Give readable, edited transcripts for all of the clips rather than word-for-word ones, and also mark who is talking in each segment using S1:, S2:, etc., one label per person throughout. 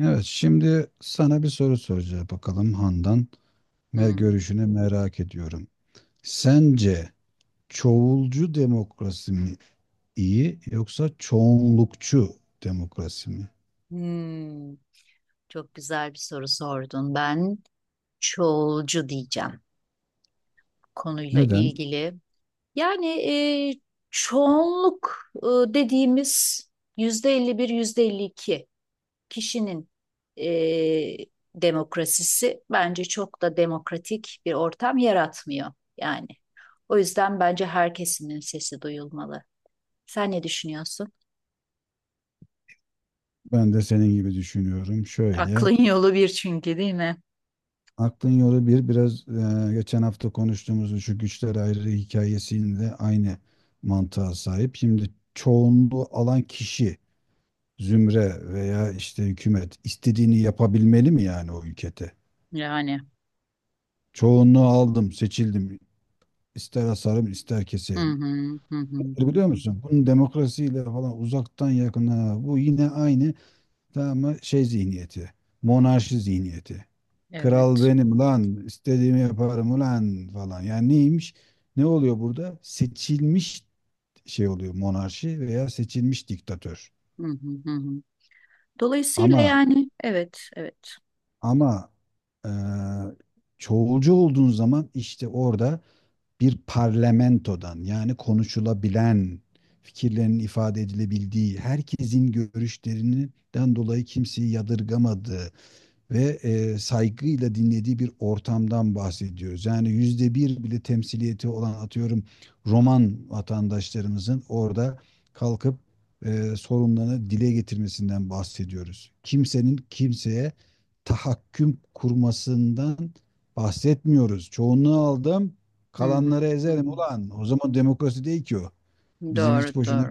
S1: Evet, şimdi sana bir soru soracağım bakalım Handan. Mer
S2: Hmm.
S1: görüşünü merak ediyorum. Sence çoğulcu demokrasi mi iyi yoksa çoğunlukçu demokrasi mi?
S2: Hmm. Çok güzel bir soru sordun. Ben çoğulcu diyeceğim konuyla
S1: Neden?
S2: ilgili. Yani çoğunluk dediğimiz %51, yüzde 52 kişinin e, demokrasisi bence çok da demokratik bir ortam yaratmıyor yani. O yüzden bence herkesin sesi duyulmalı. Sen ne düşünüyorsun?
S1: Ben de senin gibi düşünüyorum. Şöyle,
S2: Aklın yolu bir çünkü değil mi?
S1: aklın yolu bir biraz geçen hafta konuştuğumuz şu güçler ayrılığı hikayesinde aynı mantığa sahip. Şimdi çoğunluğu alan kişi, zümre veya işte hükümet istediğini yapabilmeli mi yani o ülkede?
S2: Yani.
S1: Çoğunluğu aldım, seçildim. İster asarım, ister
S2: Hı
S1: keserim.
S2: hı hı hı.
S1: E Biliyor musun? Bunun demokrasiyle falan uzaktan yakına bu yine aynı, tamam mı? Şey zihniyeti. Monarşi zihniyeti. Kral
S2: Evet.
S1: benim lan, istediğimi yaparım ulan falan. Yani neymiş? Ne oluyor burada? Seçilmiş şey oluyor, monarşi veya seçilmiş diktatör.
S2: Hı hı hı, hı. Dolayısıyla
S1: Ama
S2: yani evet, evet.
S1: ama eee çoğulcu olduğun zaman işte orada bir parlamentodan yani konuşulabilen, fikirlerin ifade edilebildiği, herkesin görüşlerinden dolayı kimseyi yadırgamadığı, ve saygıyla dinlediği bir ortamdan bahsediyoruz. Yani yüzde bir bile temsiliyeti olan atıyorum Roman vatandaşlarımızın orada kalkıp sorunlarını dile getirmesinden bahsediyoruz. Kimsenin kimseye tahakküm kurmasından bahsetmiyoruz. Çoğunluğu aldım,
S2: Hı hı
S1: kalanları ezerim
S2: hı,
S1: ulan. O zaman demokrasi değil ki o.
S2: hı.
S1: Bizi
S2: Doğru,
S1: hiç
S2: doğru.
S1: boşuna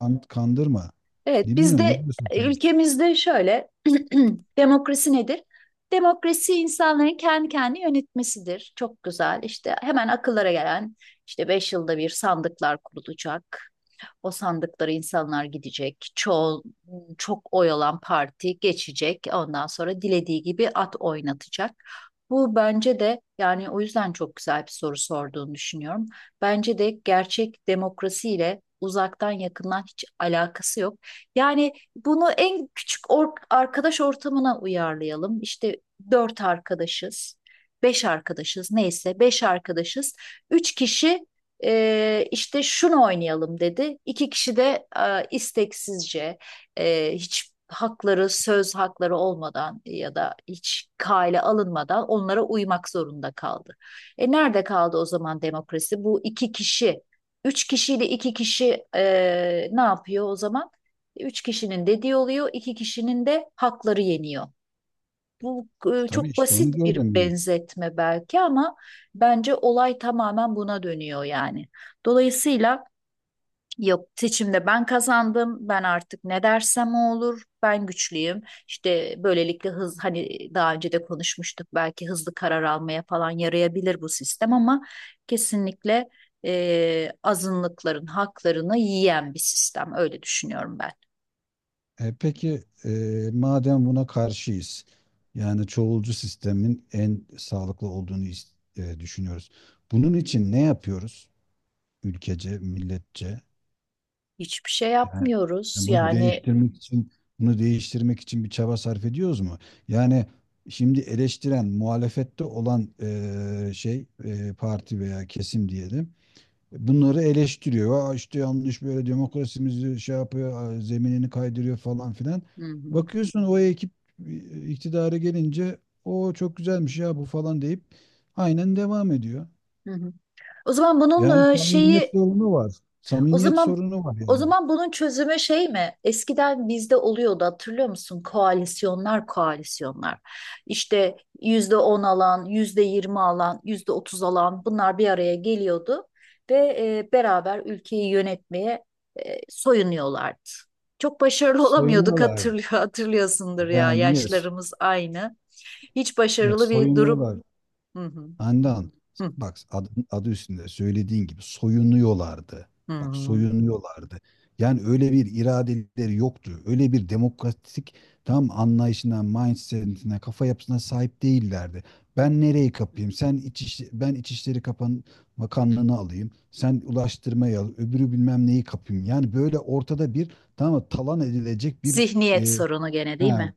S1: kandırma.
S2: Evet,
S1: Bilmiyorum, ne diyorsun sen?
S2: ülkemizde şöyle demokrasi nedir? Demokrasi insanların kendi kendini yönetmesidir. Çok güzel. İşte hemen akıllara gelen işte 5 yılda bir sandıklar kurulacak. O sandıkları insanlar gidecek. Çok oy alan parti geçecek. Ondan sonra dilediği gibi at oynatacak. Bu bence de yani o yüzden çok güzel bir soru sorduğunu düşünüyorum. Bence de gerçek demokrasiyle uzaktan yakından hiç alakası yok. Yani bunu en küçük arkadaş ortamına uyarlayalım. İşte dört arkadaşız, beş arkadaşız neyse beş arkadaşız. Üç kişi işte şunu oynayalım dedi. İki kişi de isteksizce hiç söz hakları olmadan ya da hiç kale alınmadan onlara uymak zorunda kaldı. E nerede kaldı o zaman demokrasi? Bu iki kişi, üç kişiyle iki kişi ne yapıyor o zaman? Üç kişinin dediği oluyor, iki kişinin de hakları yeniyor. Bu
S1: Tabii
S2: çok
S1: işte
S2: basit
S1: onu
S2: bir
S1: diyorum.
S2: benzetme belki ama bence olay tamamen buna dönüyor yani. Dolayısıyla yap, seçimde ben kazandım. Ben artık ne dersem o olur. Ben güçlüyüm. İşte böylelikle hani daha önce de konuşmuştuk belki hızlı karar almaya falan yarayabilir bu sistem ama kesinlikle azınlıkların haklarını yiyen bir sistem. Öyle düşünüyorum ben.
S1: Peki, madem buna karşıyız, yani çoğulcu sistemin en sağlıklı olduğunu düşünüyoruz. Bunun için ne yapıyoruz ülkece, milletçe?
S2: Hiçbir şey
S1: Yani
S2: yapmıyoruz
S1: bunu
S2: yani.
S1: değiştirmek için bir çaba sarf ediyoruz mu? Yani şimdi eleştiren, muhalefette olan şey parti veya kesim diyelim bunları eleştiriyor. Aa işte yanlış böyle demokrasimizi şey yapıyor, zeminini kaydırıyor falan filan.
S2: Hı hı.
S1: Bakıyorsun o ekip iktidara gelince o çok güzelmiş ya bu falan deyip aynen devam ediyor.
S2: Hı hı. O zaman
S1: Yani
S2: bunun
S1: samimiyet
S2: şeyi.
S1: sorunu var.
S2: o
S1: Samimiyet
S2: zaman
S1: sorunu var
S2: o
S1: yani.
S2: zaman bunun çözümü şey mi? Eskiden bizde oluyordu hatırlıyor musun? Koalisyonlar, koalisyonlar. İşte %10 alan, yüzde yirmi alan, %30 alan bunlar bir araya geliyordu ve beraber ülkeyi yönetmeye soyunuyorlardı. Çok başarılı olamıyorduk,
S1: Soyunuyorlar.
S2: hatırlıyorsundur ya
S1: Yani niye?
S2: yaşlarımız aynı. Hiç
S1: Bak
S2: başarılı bir durum.
S1: soyunuyorlar.
S2: Hı hı,
S1: Handan,
S2: hı,
S1: bak adı, adı üstünde söylediğin gibi soyunuyorlardı. Bak
S2: hı,
S1: soyunuyorlardı. Yani öyle bir iradeleri yoktu. Öyle bir demokratik tam anlayışına, mindset'ine, kafa yapısına sahip değillerdi.
S2: hı.
S1: Ben nereyi kapayım? Sen iç, ben İçişleri Kapan Bakanlığını alayım. Sen ulaştırmayı al. Öbürü bilmem neyi kapayım. Yani böyle ortada bir, tamam mı, talan edilecek bir
S2: Zihniyet
S1: e,
S2: sorunu gene değil
S1: ha,
S2: mi?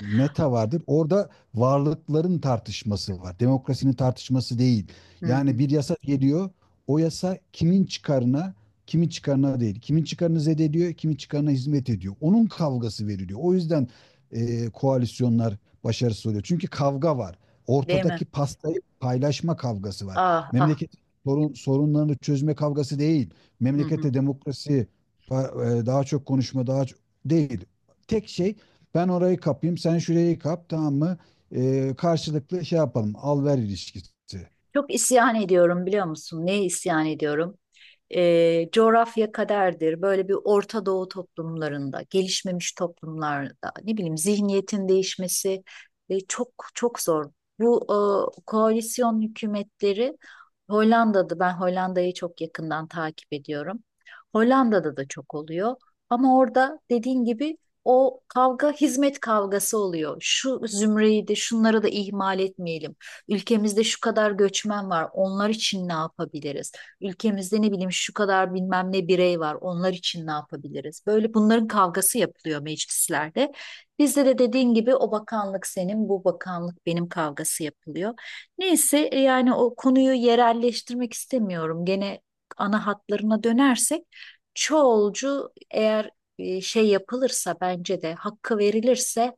S1: meta vardır. Orada varlıkların tartışması var. Demokrasinin tartışması değil.
S2: Hı
S1: Yani
S2: hı.
S1: bir yasa geliyor. O yasa kimin çıkarına, kimin çıkarına değil. Kimin çıkarını zedeliyor, kimin çıkarına hizmet ediyor. Onun kavgası veriliyor. O yüzden koalisyonlar başarısız oluyor. Çünkü kavga var.
S2: Değil mi?
S1: Ortadaki pastayı paylaşma kavgası var.
S2: Ah ah.
S1: Memleket sorunlarını çözme kavgası değil.
S2: Hı hı.
S1: Memlekette demokrasi daha çok konuşma, daha çok değil. Tek şey ben orayı kapayım, sen şurayı kap, tamam mı? Karşılıklı şey yapalım, al-ver ilişkisi.
S2: Çok isyan ediyorum biliyor musun? Neye isyan ediyorum? Coğrafya kaderdir. Böyle bir Orta Doğu toplumlarında, gelişmemiş toplumlarda, ne bileyim zihniyetin değişmesi çok çok zor. Bu koalisyon hükümetleri Hollanda'da, ben Hollanda'yı çok yakından takip ediyorum. Hollanda'da da çok oluyor. Ama orada dediğin gibi o kavga hizmet kavgası oluyor. Şu zümreyi de şunları da ihmal etmeyelim. Ülkemizde şu kadar göçmen var. Onlar için ne yapabiliriz? Ülkemizde ne bileyim şu kadar bilmem ne birey var. Onlar için ne yapabiliriz? Böyle bunların kavgası yapılıyor meclislerde. Bizde de dediğin gibi o bakanlık senin, bu bakanlık benim kavgası yapılıyor. Neyse yani o konuyu yerelleştirmek istemiyorum. Gene ana hatlarına dönersek çoğulcu eğer şey yapılırsa bence de hakkı verilirse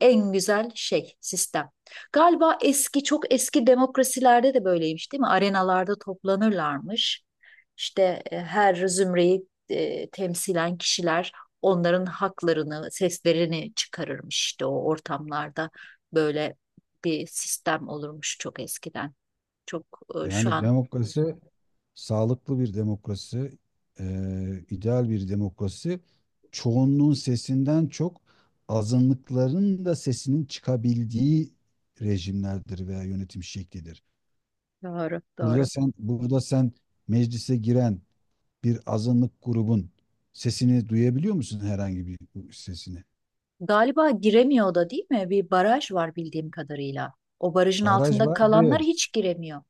S2: en güzel şey sistem. Galiba eski çok eski demokrasilerde de böyleymiş değil mi? Arenalarda toplanırlarmış. İşte her zümreyi temsilen kişiler onların haklarını, seslerini çıkarırmış işte o ortamlarda. Böyle bir sistem olurmuş çok eskiden. Çok e, şu
S1: Yani
S2: an
S1: demokrasi, sağlıklı bir demokrasi, ideal bir demokrasi, çoğunluğun sesinden çok azınlıkların da sesinin çıkabildiği rejimlerdir veya yönetim şeklidir.
S2: Doğru,
S1: Burada
S2: doğru.
S1: sen, burada sen meclise giren bir azınlık grubun sesini duyabiliyor musun, herhangi bir sesini?
S2: Galiba giremiyor da değil mi? Bir baraj var bildiğim kadarıyla. O barajın
S1: Baraj
S2: altında
S1: var
S2: kalanlar
S1: bir.
S2: hiç giremiyor.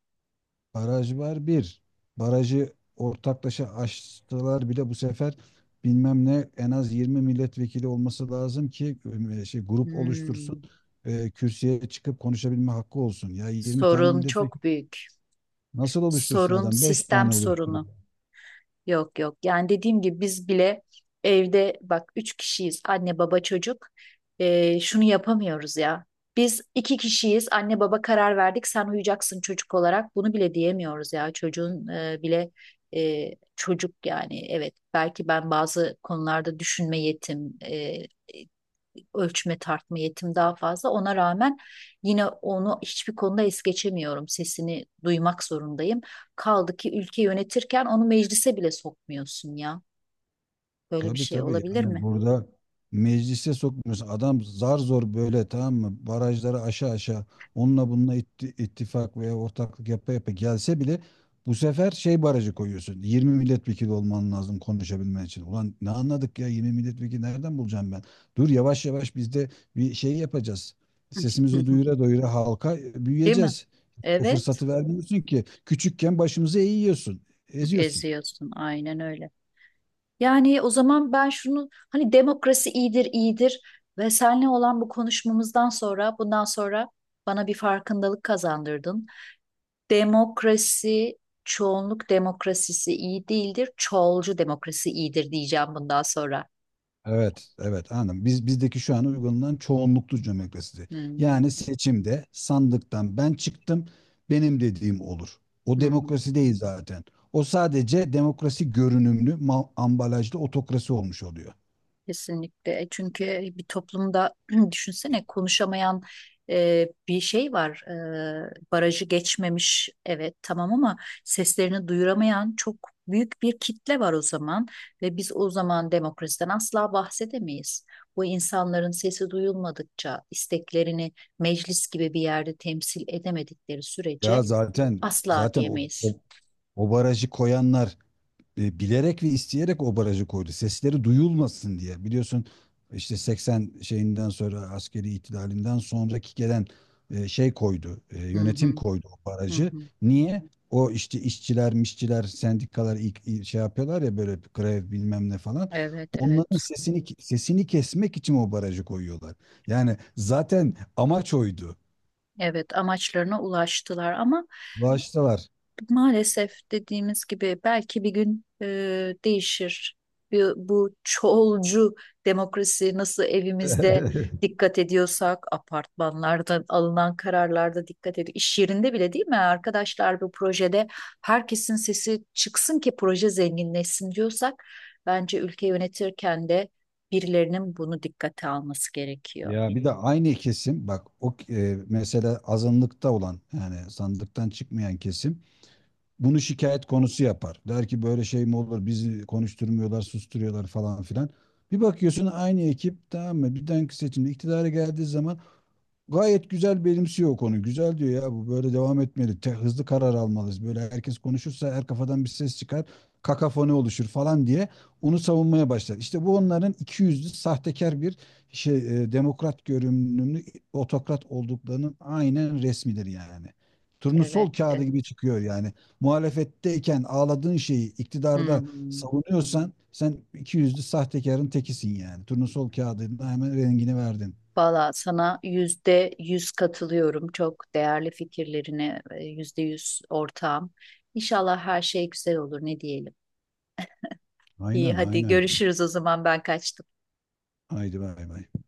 S1: Baraj var bir. Barajı ortaklaşa açtılar bile bu sefer bilmem ne en az 20 milletvekili olması lazım ki şey grup oluştursun.
S2: Hmm,
S1: Kürsüye çıkıp konuşabilme hakkı olsun. Ya 20 tane
S2: sorun
S1: milletvekili
S2: çok büyük.
S1: nasıl oluştursun
S2: Sorun
S1: adam? Beş
S2: sistem
S1: tane oluşturuyor.
S2: sorunu. Yok yok. Yani dediğim gibi biz bile evde bak üç kişiyiz, anne baba çocuk. Şunu yapamıyoruz ya. Biz iki kişiyiz, anne baba karar verdik sen uyuyacaksın çocuk olarak, bunu bile diyemiyoruz ya çocuğun bile çocuk yani evet belki ben bazı konularda düşünme yetim, ölçme tartma yetim daha fazla. Ona rağmen yine onu hiçbir konuda es geçemiyorum. Sesini duymak zorundayım. Kaldı ki ülke yönetirken onu meclise bile sokmuyorsun ya. Böyle bir
S1: Tabii
S2: şey
S1: tabii,
S2: olabilir
S1: yani
S2: mi?
S1: burada meclise sokmuyorsun. Adam zar zor böyle, tamam mı? Barajları aşağı aşağı onunla bununla ittifak veya ortaklık yapa yapa gelse bile bu sefer şey barajı koyuyorsun. 20 milletvekili olman lazım konuşabilmen için. Ulan ne anladık ya, 20 milletvekili nereden bulacağım ben? Dur yavaş yavaş biz de bir şey yapacağız. Sesimizi duyura duyura halka
S2: Değil mi?
S1: büyüyeceğiz. O
S2: Evet,
S1: fırsatı vermiyorsun ki. Küçükken başımızı eğiyorsun, eziyorsun.
S2: eziyorsun. Aynen öyle. Yani o zaman ben şunu, hani demokrasi iyidir, iyidir ve seninle olan bu konuşmamızdan sonra bundan sonra bana bir farkındalık kazandırdın. Demokrasi, çoğunluk demokrasisi iyi değildir. Çoğulcu demokrasi iyidir diyeceğim bundan sonra.
S1: Evet, evet, anladım. Biz bizdeki şu an uygulanan çoğunluklu demokrasi. Yani
S2: Hmm.
S1: seçimde sandıktan ben çıktım, benim dediğim olur. O
S2: Hı hı.
S1: demokrasi değil zaten. O sadece demokrasi görünümlü ambalajlı otokrasi olmuş oluyor.
S2: Kesinlikle. Çünkü bir toplumda düşünsene konuşamayan bir şey var. Barajı geçmemiş evet tamam ama seslerini duyuramayan çok büyük bir kitle var o zaman ve biz o zaman demokrasiden asla bahsedemeyiz. Bu insanların sesi duyulmadıkça, isteklerini meclis gibi bir yerde temsil edemedikleri
S1: Ya
S2: sürece
S1: zaten
S2: asla
S1: zaten
S2: diyemeyiz.
S1: o barajı koyanlar bilerek ve isteyerek o barajı koydu. Sesleri duyulmasın diye. Biliyorsun işte 80 şeyinden sonra askeri ihtilalinden sonraki gelen şey koydu.
S2: Hı
S1: Yönetim
S2: hı,
S1: koydu o
S2: hı
S1: barajı.
S2: hı.
S1: Niye? O işte işçiler, mişçiler, sendikalar ilk şey yapıyorlar ya, böyle grev bilmem ne falan.
S2: Evet,
S1: Onların
S2: evet.
S1: sesini kesmek için o barajı koyuyorlar. Yani zaten amaç oydu.
S2: Evet, amaçlarına ulaştılar ama
S1: Bağıştalar.
S2: maalesef dediğimiz gibi belki bir gün değişir. Bu çoğulcu demokrasi nasıl evimizde dikkat ediyorsak, apartmanlarda alınan kararlarda dikkat ediyor. İş yerinde bile değil mi arkadaşlar bu projede herkesin sesi çıksın ki proje zenginleşsin diyorsak, bence ülke yönetirken de birilerinin bunu dikkate alması gerekiyor.
S1: Ya bir de aynı kesim bak o mesela azınlıkta olan yani sandıktan çıkmayan kesim bunu şikayet konusu yapar. Der ki böyle şey mi olur, bizi konuşturmuyorlar, susturuyorlar falan filan. Bir bakıyorsun aynı ekip, tamam mı, bir dahaki seçimde iktidara geldiği zaman gayet güzel benimsiyor o konu. Güzel diyor ya, bu böyle devam etmeli. Hızlı karar almalıyız. Böyle herkes konuşursa her kafadan bir ses çıkar. Kakafoni oluşur falan diye onu savunmaya başlar. İşte bu onların iki yüzlü sahtekar bir şey, demokrat görünümlü otokrat olduklarının aynen resmidir yani.
S2: Evet,
S1: Turnusol kağıdı gibi
S2: evet.
S1: çıkıyor yani. Muhalefetteyken ağladığın şeyi
S2: Hı
S1: iktidarda
S2: hı.
S1: savunuyorsan sen iki yüzlü sahtekarın tekisin yani. Turnusol kağıdına hemen rengini verdin.
S2: Valla sana %100 katılıyorum. Çok değerli fikirlerine %100 ortağım. İnşallah her şey güzel olur ne diyelim. İyi
S1: Aynen
S2: hadi
S1: aynen.
S2: görüşürüz o zaman ben kaçtım.
S1: Haydi bay bay.